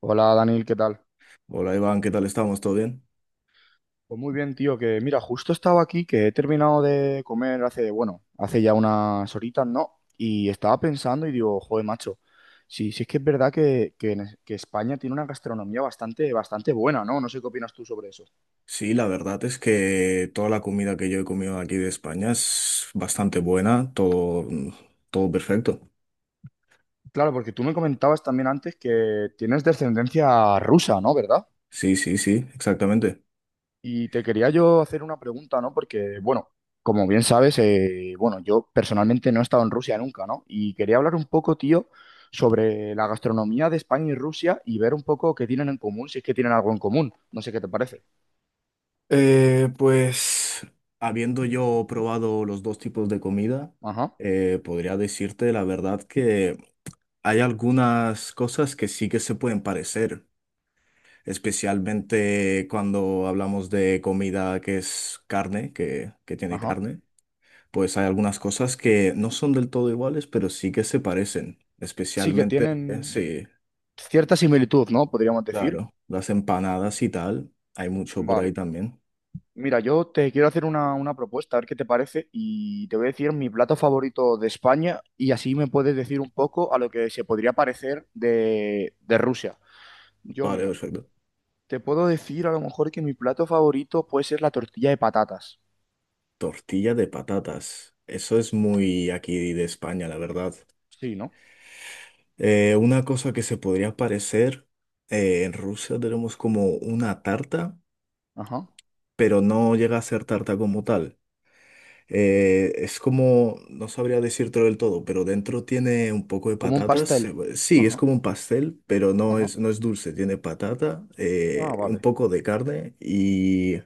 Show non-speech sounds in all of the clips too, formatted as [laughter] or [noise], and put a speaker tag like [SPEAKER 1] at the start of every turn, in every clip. [SPEAKER 1] Hola Daniel, ¿qué tal?
[SPEAKER 2] Hola Iván, ¿qué tal estamos? ¿Todo bien?
[SPEAKER 1] Pues muy bien, tío, que mira, justo estaba aquí, que he terminado de comer hace, bueno, hace ya unas horitas, ¿no? Y estaba pensando y digo, joder, macho, sí, sí es que es verdad que España tiene una gastronomía bastante, bastante buena, ¿no? No sé qué opinas tú sobre eso.
[SPEAKER 2] Sí, la verdad es que toda la comida que yo he comido aquí de España es bastante buena, todo, todo perfecto.
[SPEAKER 1] Claro, porque tú me comentabas también antes que tienes descendencia rusa, ¿no? ¿Verdad?
[SPEAKER 2] Sí, sí, sí, exactamente.
[SPEAKER 1] Y te quería yo hacer una pregunta, ¿no? Porque, bueno, como bien sabes, bueno, yo personalmente no he estado en Rusia nunca, ¿no? Y quería hablar un poco, tío, sobre la gastronomía de España y Rusia y ver un poco qué tienen en común, si es que tienen algo en común. No sé qué te parece.
[SPEAKER 2] Pues habiendo yo probado los dos tipos de comida,
[SPEAKER 1] Ajá,
[SPEAKER 2] podría decirte la verdad que hay algunas cosas que sí que se pueden parecer, especialmente cuando hablamos de comida que es carne, que tiene
[SPEAKER 1] ajá.
[SPEAKER 2] carne. Pues hay algunas cosas que no son del todo iguales, pero sí que se parecen.
[SPEAKER 1] Sí que
[SPEAKER 2] Especialmente,
[SPEAKER 1] tienen
[SPEAKER 2] sí,
[SPEAKER 1] cierta similitud, ¿no? Podríamos decir.
[SPEAKER 2] claro, las empanadas y tal. Hay mucho por ahí
[SPEAKER 1] Vale.
[SPEAKER 2] también.
[SPEAKER 1] Mira, yo te quiero hacer una propuesta, a ver qué te parece, y te voy a decir mi plato favorito de España y así me puedes decir un poco a lo que se podría parecer de Rusia. Yo,
[SPEAKER 2] Vale,
[SPEAKER 1] mira,
[SPEAKER 2] perfecto.
[SPEAKER 1] te puedo decir a lo mejor que mi plato favorito puede ser la tortilla de patatas.
[SPEAKER 2] Tortilla de patatas. Eso es muy aquí de España, la verdad.
[SPEAKER 1] Sí, ¿no?
[SPEAKER 2] Una cosa que se podría parecer, en Rusia tenemos como una tarta,
[SPEAKER 1] Ajá.
[SPEAKER 2] pero no llega a ser tarta como tal. Es como, no sabría decírtelo del todo, pero dentro tiene un poco de
[SPEAKER 1] Como un
[SPEAKER 2] patatas.
[SPEAKER 1] pastel.
[SPEAKER 2] Sí, es
[SPEAKER 1] Ajá,
[SPEAKER 2] como un pastel, pero no
[SPEAKER 1] ajá.
[SPEAKER 2] es, no es dulce. Tiene patata,
[SPEAKER 1] Ah,
[SPEAKER 2] un
[SPEAKER 1] vale.
[SPEAKER 2] poco de carne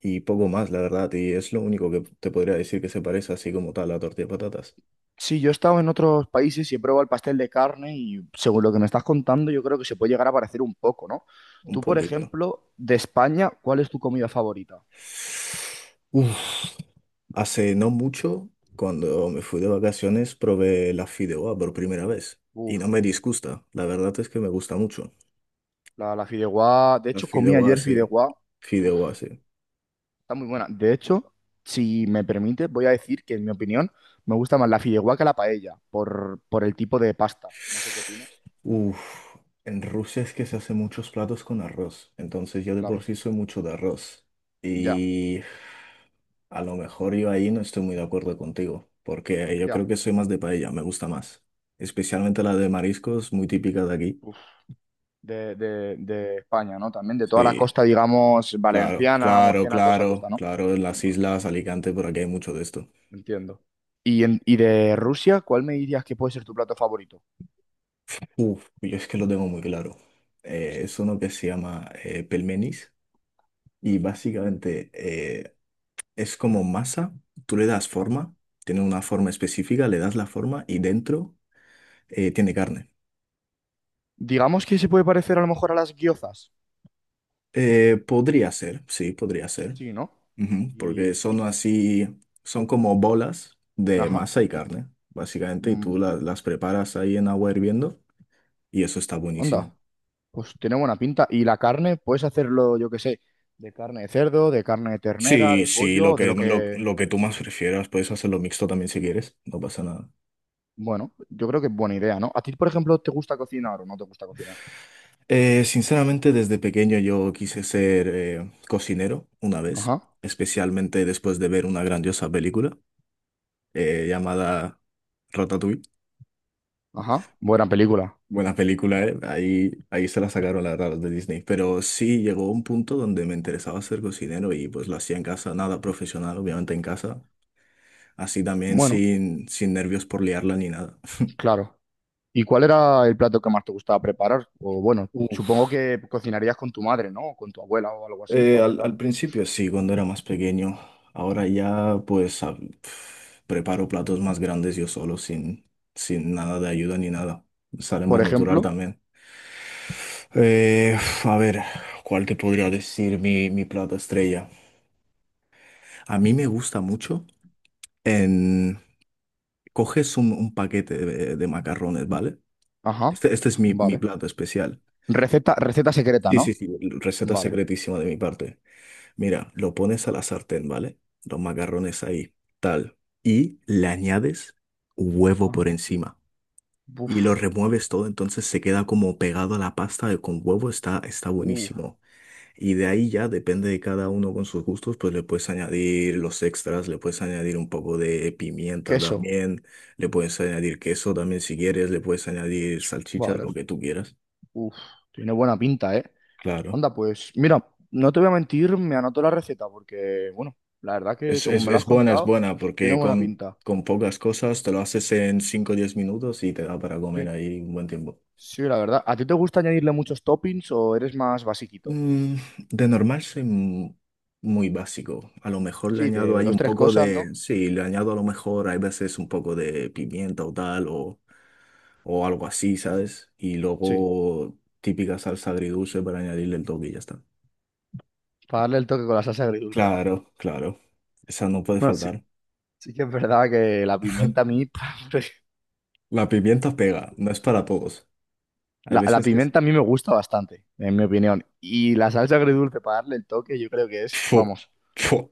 [SPEAKER 2] y poco más, la verdad. Y es lo único que te podría decir que se parece así como tal a la tortilla de patatas.
[SPEAKER 1] Sí, yo he estado en otros países y he probado el pastel de carne y según lo que me estás contando, yo creo que se puede llegar a parecer un poco, ¿no?
[SPEAKER 2] Un
[SPEAKER 1] Tú, por
[SPEAKER 2] poquito.
[SPEAKER 1] ejemplo, de España, ¿cuál es tu comida favorita?
[SPEAKER 2] Uf. Hace no mucho, cuando me fui de vacaciones, probé la fideuá por primera vez. Y
[SPEAKER 1] Uf,
[SPEAKER 2] no me disgusta. La verdad es que me gusta mucho.
[SPEAKER 1] la fideuá. De
[SPEAKER 2] Los
[SPEAKER 1] hecho, comí
[SPEAKER 2] fideos
[SPEAKER 1] ayer
[SPEAKER 2] sí.
[SPEAKER 1] fideuá.
[SPEAKER 2] Fideuá, sí.
[SPEAKER 1] Está muy buena. De hecho, si me permites, voy a decir que, en mi opinión, me gusta más la fideuá que la paella, por el tipo de pasta. No sé qué opinas.
[SPEAKER 2] Uf, en Rusia es que se hacen muchos platos con arroz, entonces yo de por
[SPEAKER 1] Claro,
[SPEAKER 2] sí soy mucho de arroz.
[SPEAKER 1] ya,
[SPEAKER 2] Y a lo mejor yo ahí no estoy muy de acuerdo contigo, porque yo creo
[SPEAKER 1] ya.
[SPEAKER 2] que soy más de paella, me gusta más. Especialmente la de mariscos, muy típica de aquí.
[SPEAKER 1] Uf. De España, ¿no? También de toda la
[SPEAKER 2] Sí,
[SPEAKER 1] costa, digamos,
[SPEAKER 2] claro,
[SPEAKER 1] valenciana,
[SPEAKER 2] claro,
[SPEAKER 1] murciana, toda esa costa,
[SPEAKER 2] claro,
[SPEAKER 1] ¿no?
[SPEAKER 2] claro, en las
[SPEAKER 1] Vale,
[SPEAKER 2] islas, Alicante, por aquí hay mucho de esto.
[SPEAKER 1] entiendo. ¿Y, y de Rusia, cuál me dirías que puede ser tu plato favorito?
[SPEAKER 2] Uf, yo es que lo tengo muy claro. Es
[SPEAKER 1] Sí.
[SPEAKER 2] uno que se llama pelmenis. Y
[SPEAKER 1] Mm,
[SPEAKER 2] básicamente es como masa, tú le das
[SPEAKER 1] ajá.
[SPEAKER 2] forma, tiene una forma específica, le das la forma y dentro tiene carne.
[SPEAKER 1] Digamos que se puede parecer a lo mejor a las guiozas.
[SPEAKER 2] Podría ser, sí, podría ser,
[SPEAKER 1] Sí, ¿no?
[SPEAKER 2] ujú, porque
[SPEAKER 1] Y,
[SPEAKER 2] son
[SPEAKER 1] y-
[SPEAKER 2] así, son como bolas de
[SPEAKER 1] ajá.
[SPEAKER 2] masa y carne, básicamente, y tú
[SPEAKER 1] Mm,
[SPEAKER 2] las preparas ahí en agua hirviendo y eso está
[SPEAKER 1] onda.
[SPEAKER 2] buenísimo.
[SPEAKER 1] Pues tiene buena pinta. Y la carne, puedes hacerlo, yo qué sé, de carne de cerdo, de carne de ternera,
[SPEAKER 2] Sí,
[SPEAKER 1] de
[SPEAKER 2] sí, lo
[SPEAKER 1] pollo, de
[SPEAKER 2] que,
[SPEAKER 1] lo
[SPEAKER 2] lo,
[SPEAKER 1] que...
[SPEAKER 2] lo que tú más prefieras, puedes hacerlo mixto también si quieres, no pasa nada.
[SPEAKER 1] Bueno, yo creo que es buena idea, ¿no? ¿A ti, por ejemplo, te gusta cocinar o no te gusta cocinar?
[SPEAKER 2] Sinceramente, desde pequeño yo quise ser cocinero una vez,
[SPEAKER 1] Ajá,
[SPEAKER 2] especialmente después de ver una grandiosa película llamada Ratatouille.
[SPEAKER 1] ajá. Buena película.
[SPEAKER 2] Buena película, ¿eh? Ahí, ahí se la sacaron la verdad los de Disney. Pero sí llegó un punto donde me interesaba ser cocinero y pues lo hacía en casa, nada profesional, obviamente en casa. Así también
[SPEAKER 1] Bueno,
[SPEAKER 2] sin nervios por liarla ni nada.
[SPEAKER 1] claro. ¿Y cuál era el plato que más te gustaba preparar? O bueno,
[SPEAKER 2] [laughs]
[SPEAKER 1] supongo que cocinarías con tu madre, ¿no? O con tu abuela o algo así, para
[SPEAKER 2] Eh, al,
[SPEAKER 1] empezar.
[SPEAKER 2] al principio sí, cuando era más pequeño. Ahora ya pues preparo platos más grandes yo solo, sin nada de ayuda ni nada. Sale más
[SPEAKER 1] Por
[SPEAKER 2] natural
[SPEAKER 1] ejemplo,
[SPEAKER 2] también. Eh, a ver, ¿cuál te podría decir mi plato estrella? A mí me gusta mucho en... Coges un paquete de macarrones, ¿vale?
[SPEAKER 1] ajá,
[SPEAKER 2] Este es mi
[SPEAKER 1] vale.
[SPEAKER 2] plato especial.
[SPEAKER 1] Receta, receta secreta,
[SPEAKER 2] Sí,
[SPEAKER 1] ¿no?
[SPEAKER 2] sí, sí, receta
[SPEAKER 1] Vale.
[SPEAKER 2] secretísima de mi parte. Mira, lo pones a la sartén, ¿vale? Los macarrones ahí, tal. Y le añades huevo
[SPEAKER 1] Ajá.
[SPEAKER 2] por encima.
[SPEAKER 1] Uf,
[SPEAKER 2] Y lo remueves todo, entonces se queda como pegado a la pasta con huevo, está, está
[SPEAKER 1] uh,
[SPEAKER 2] buenísimo. Y de ahí ya, depende de cada uno con sus gustos, pues le puedes añadir los extras, le puedes añadir un poco de pimienta
[SPEAKER 1] queso.
[SPEAKER 2] también, le puedes añadir queso también si quieres, le puedes añadir salchicha,
[SPEAKER 1] Vale,
[SPEAKER 2] lo que tú quieras.
[SPEAKER 1] Uf, tiene buena pinta, ¿eh?
[SPEAKER 2] Claro.
[SPEAKER 1] Anda, pues mira, no te voy a mentir, me anoto la receta porque, bueno, la verdad que
[SPEAKER 2] Es,
[SPEAKER 1] según
[SPEAKER 2] es,
[SPEAKER 1] me lo has
[SPEAKER 2] es buena, es
[SPEAKER 1] contado,
[SPEAKER 2] buena,
[SPEAKER 1] tiene
[SPEAKER 2] porque
[SPEAKER 1] buena
[SPEAKER 2] con,
[SPEAKER 1] pinta.
[SPEAKER 2] con pocas cosas te lo haces en 5 o 10 minutos y te da para comer
[SPEAKER 1] Sí.
[SPEAKER 2] ahí un buen tiempo.
[SPEAKER 1] Sí, la verdad. ¿A ti te gusta añadirle muchos toppings o eres más basiquito?
[SPEAKER 2] Mm, de normal soy muy básico. A lo mejor le
[SPEAKER 1] Sí,
[SPEAKER 2] añado
[SPEAKER 1] de
[SPEAKER 2] ahí
[SPEAKER 1] dos,
[SPEAKER 2] un
[SPEAKER 1] tres
[SPEAKER 2] poco
[SPEAKER 1] cosas, ¿no?
[SPEAKER 2] de... Sí, le añado a lo mejor hay veces un poco de pimienta o tal o algo así, ¿sabes? Y
[SPEAKER 1] Sí,
[SPEAKER 2] luego típica salsa agridulce para añadirle el toque y ya está.
[SPEAKER 1] para darle el toque con la salsa agridulce, ¿no?
[SPEAKER 2] Claro, claro. Esa no puede
[SPEAKER 1] No, sí,
[SPEAKER 2] faltar.
[SPEAKER 1] sí que es verdad que la pimienta a mí, [laughs]
[SPEAKER 2] La pimienta pega, no es para todos. Hay
[SPEAKER 1] la
[SPEAKER 2] veces que sí.
[SPEAKER 1] pimienta a mí me gusta bastante, en mi opinión. Y la salsa agridulce para darle el toque, yo creo que es,
[SPEAKER 2] Fu,
[SPEAKER 1] vamos.
[SPEAKER 2] fu.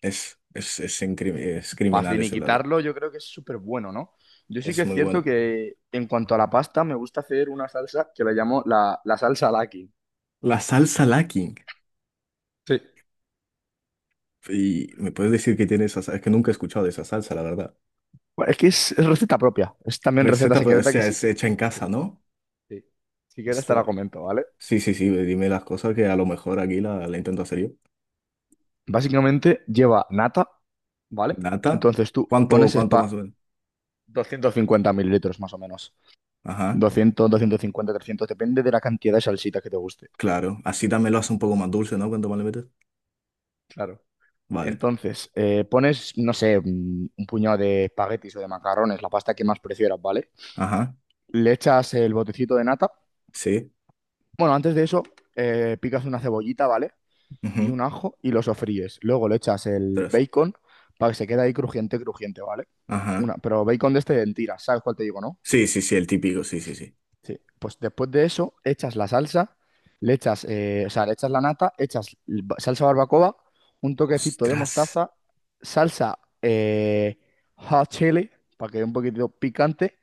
[SPEAKER 2] Es
[SPEAKER 1] Para
[SPEAKER 2] criminal ese plato.
[SPEAKER 1] finiquitarlo, yo creo que es súper bueno, ¿no? Yo sí que
[SPEAKER 2] Es
[SPEAKER 1] es
[SPEAKER 2] muy
[SPEAKER 1] cierto
[SPEAKER 2] bueno.
[SPEAKER 1] que en cuanto a la pasta, me gusta hacer una salsa que la llamo la salsa Laki.
[SPEAKER 2] La salsa Lacking.
[SPEAKER 1] Sí,
[SPEAKER 2] Y me puedes decir que tiene esa salsa. Es que nunca he escuchado de esa salsa, la verdad.
[SPEAKER 1] bueno, es que es receta propia, es también receta
[SPEAKER 2] Receta, pues, o
[SPEAKER 1] secreta que
[SPEAKER 2] sea,
[SPEAKER 1] sí.
[SPEAKER 2] es hecha en
[SPEAKER 1] Sí,
[SPEAKER 2] casa, ¿no?
[SPEAKER 1] sí. Si quieres te la
[SPEAKER 2] Ostras.
[SPEAKER 1] comento, ¿vale?
[SPEAKER 2] Sí, sí, sí. Dime las cosas que a lo mejor aquí la intento hacer yo.
[SPEAKER 1] Básicamente lleva nata, ¿vale?
[SPEAKER 2] Nata.
[SPEAKER 1] Entonces tú
[SPEAKER 2] ¿Cuánto,
[SPEAKER 1] pones
[SPEAKER 2] cuánto más o
[SPEAKER 1] spa
[SPEAKER 2] menos?
[SPEAKER 1] 250 ml más o menos.
[SPEAKER 2] Ajá.
[SPEAKER 1] 200 250 300 depende de la cantidad de salsita que te guste.
[SPEAKER 2] Claro. Así también lo hace un poco más dulce, ¿no? ¿Cuánto más le metes?
[SPEAKER 1] Claro.
[SPEAKER 2] Vale.
[SPEAKER 1] Entonces, pones, no sé, un puñado de espaguetis o de macarrones, la pasta que más prefieras, ¿vale?
[SPEAKER 2] Ajá.
[SPEAKER 1] Le echas el botecito de nata.
[SPEAKER 2] Sí.
[SPEAKER 1] Bueno, antes de eso, picas una cebollita, ¿vale? Y
[SPEAKER 2] Ujú,
[SPEAKER 1] un ajo y lo sofríes. Luego le echas el
[SPEAKER 2] tres.
[SPEAKER 1] bacon para que se quede ahí crujiente, crujiente, ¿vale?
[SPEAKER 2] Ajá.
[SPEAKER 1] Una, pero bacon de este en tiras, ¿sabes cuál te digo, no?
[SPEAKER 2] Sí, sí, sí, el típico. Sí, sí, sí.
[SPEAKER 1] Sí. Pues después de eso, echas la salsa, le echas, o sea, le echas la nata, echas salsa barbacoa, un toquecito de
[SPEAKER 2] Ostras.
[SPEAKER 1] mostaza, salsa hot chili, para que dé un poquitito picante,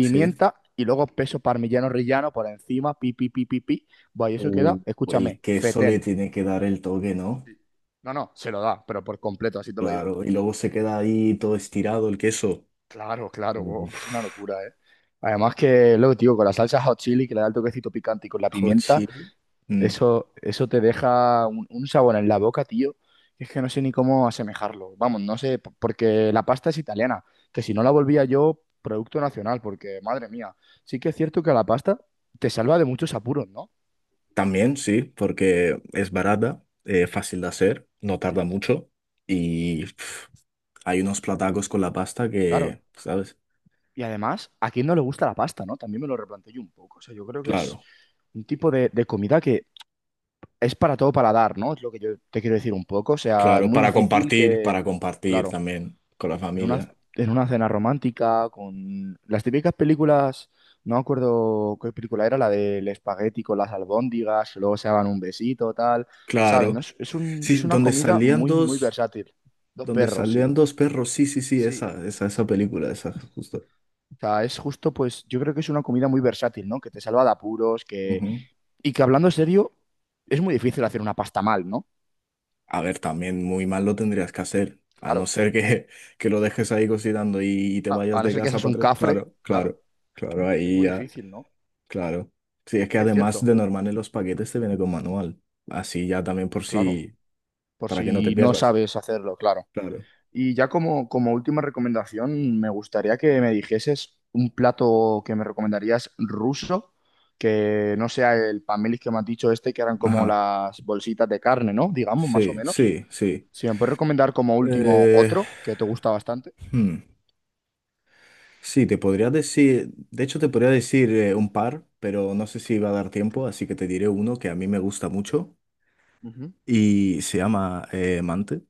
[SPEAKER 2] Sí.
[SPEAKER 1] y luego peso parmigiano rillano por encima, pi, pi, pi, pi, pi. Buah, y eso
[SPEAKER 2] Uh,
[SPEAKER 1] queda,
[SPEAKER 2] el
[SPEAKER 1] escúchame,
[SPEAKER 2] queso le
[SPEAKER 1] fetén.
[SPEAKER 2] tiene que dar el toque, ¿no?
[SPEAKER 1] No, no, se lo da, pero por completo, así te lo digo.
[SPEAKER 2] Claro, y luego se queda ahí todo estirado el queso.
[SPEAKER 1] Claro, claro, wow,
[SPEAKER 2] Uf,
[SPEAKER 1] es una locura, ¿eh? Además que, luego, tío, con la salsa hot chili que le da el toquecito picante y con la
[SPEAKER 2] hot
[SPEAKER 1] pimienta.
[SPEAKER 2] chili. Mm,
[SPEAKER 1] Eso te deja un sabor en la boca, tío. Es que no sé ni cómo asemejarlo. Vamos, no sé, porque la pasta es italiana, que si no la volvía yo, producto nacional, porque madre mía, sí que es cierto que la pasta te salva de muchos apuros, ¿no?
[SPEAKER 2] también, sí, porque es barata, fácil de hacer, no
[SPEAKER 1] Sí.
[SPEAKER 2] tarda mucho y hay unos platacos con la pasta
[SPEAKER 1] Claro,
[SPEAKER 2] que, ¿sabes?
[SPEAKER 1] y además, ¿a quién no le gusta la pasta, no? También me lo replanteé yo un poco. O sea, yo creo que es
[SPEAKER 2] Claro,
[SPEAKER 1] un tipo de, comida que es para todo paladar, ¿no? Es lo que yo te quiero decir un poco. O sea, es
[SPEAKER 2] claro,
[SPEAKER 1] muy difícil que...
[SPEAKER 2] para compartir
[SPEAKER 1] Claro.
[SPEAKER 2] también con la
[SPEAKER 1] En una,
[SPEAKER 2] familia.
[SPEAKER 1] en una cena romántica, con las típicas películas, no me acuerdo qué película era, la del espagueti con las albóndigas, luego se daban un besito, tal, ¿saben? ¿No?
[SPEAKER 2] Claro.
[SPEAKER 1] Es, es un-
[SPEAKER 2] Sí,
[SPEAKER 1] es una comida muy, muy versátil. Dos
[SPEAKER 2] donde
[SPEAKER 1] perros,
[SPEAKER 2] salían
[SPEAKER 1] sí,
[SPEAKER 2] dos perros, sí, sí, sí,
[SPEAKER 1] sí,
[SPEAKER 2] esa
[SPEAKER 1] sí.
[SPEAKER 2] película, esa, justo.
[SPEAKER 1] O sea, es justo, pues, yo creo que es una comida muy versátil, ¿no? Que te salva de apuros, que...
[SPEAKER 2] Ujú.
[SPEAKER 1] Y que hablando serio, es muy difícil hacer una pasta mal, ¿no?
[SPEAKER 2] A ver, también muy mal lo tendrías que hacer, a no
[SPEAKER 1] Claro.
[SPEAKER 2] ser que, [laughs] que lo dejes ahí cocinando y te
[SPEAKER 1] A,
[SPEAKER 2] vayas
[SPEAKER 1] a no
[SPEAKER 2] de
[SPEAKER 1] ser que
[SPEAKER 2] casa
[SPEAKER 1] seas
[SPEAKER 2] para
[SPEAKER 1] un
[SPEAKER 2] tres.
[SPEAKER 1] cafre,
[SPEAKER 2] Claro,
[SPEAKER 1] claro.
[SPEAKER 2] claro, claro,
[SPEAKER 1] Es
[SPEAKER 2] ahí
[SPEAKER 1] muy
[SPEAKER 2] ya,
[SPEAKER 1] difícil, ¿no?
[SPEAKER 2] claro. Sí, es
[SPEAKER 1] Sí
[SPEAKER 2] que
[SPEAKER 1] que es
[SPEAKER 2] además
[SPEAKER 1] cierto.
[SPEAKER 2] de normal en los paquetes te viene con manual, así ya también por
[SPEAKER 1] Claro.
[SPEAKER 2] si,
[SPEAKER 1] Por
[SPEAKER 2] para que no te
[SPEAKER 1] si no
[SPEAKER 2] pierdas.
[SPEAKER 1] sabes hacerlo, claro.
[SPEAKER 2] Claro,
[SPEAKER 1] Y ya como, última recomendación, me gustaría que me dijeses un plato que me recomendarías ruso, que no sea el pamelis que me has dicho este, que eran como
[SPEAKER 2] ajá,
[SPEAKER 1] las bolsitas de carne, ¿no? Digamos, más o
[SPEAKER 2] sí,
[SPEAKER 1] menos.
[SPEAKER 2] sí, sí.
[SPEAKER 1] Si me puedes recomendar como último
[SPEAKER 2] Eh,
[SPEAKER 1] otro, que te gusta bastante.
[SPEAKER 2] hmm, Sí, te podría decir, de hecho te podría decir un par, pero no sé si va a dar tiempo, así que te diré uno que a mí me gusta mucho
[SPEAKER 1] Ujú.
[SPEAKER 2] y se llama Mante.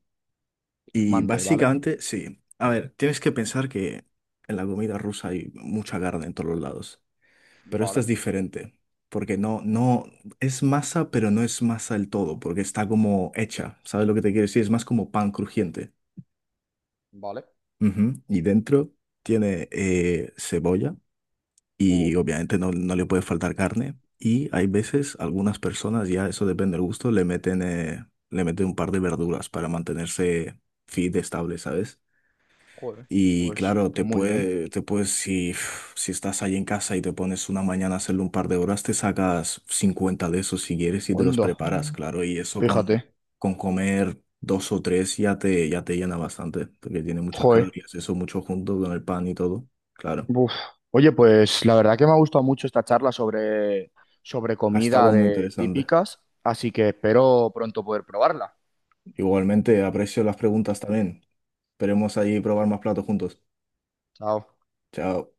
[SPEAKER 2] Y
[SPEAKER 1] Mante, ¿vale?
[SPEAKER 2] básicamente, sí. A ver, tienes que pensar que en la comida rusa hay mucha carne en todos los lados. Pero esta es
[SPEAKER 1] Vale,
[SPEAKER 2] diferente. Porque no, no, es masa, pero no es masa del todo, porque está como hecha. ¿Sabes lo que te quiero decir? Es más como pan crujiente.
[SPEAKER 1] vale.
[SPEAKER 2] Ujú. Y dentro tiene cebolla y
[SPEAKER 1] Oh,
[SPEAKER 2] obviamente no, no le puede faltar carne. Y hay veces, algunas personas, ya eso depende del gusto, le meten un par de verduras para mantenerse fit, estable, ¿sabes?
[SPEAKER 1] joder.
[SPEAKER 2] Y
[SPEAKER 1] Pues,
[SPEAKER 2] claro, te
[SPEAKER 1] pues muy bien.
[SPEAKER 2] puede, te puedes, si, si estás ahí en casa y te pones una mañana a hacerlo un par de horas, te sacas 50 de esos si quieres y te los
[SPEAKER 1] Onda,
[SPEAKER 2] preparas. Mm, claro. Y eso con,
[SPEAKER 1] fíjate.
[SPEAKER 2] con comer dos o tres ya te llena bastante, porque tiene muchas
[SPEAKER 1] Joder.
[SPEAKER 2] calorías, eso mucho junto con el pan y todo, claro.
[SPEAKER 1] Uf. Oye, pues la verdad que me ha gustado mucho esta charla sobre,
[SPEAKER 2] Ha
[SPEAKER 1] comida
[SPEAKER 2] estado muy
[SPEAKER 1] de
[SPEAKER 2] interesante.
[SPEAKER 1] típicas, así que espero pronto poder probarla.
[SPEAKER 2] Igualmente, aprecio las preguntas también. Esperemos ahí probar más platos juntos.
[SPEAKER 1] Chao.
[SPEAKER 2] Chao.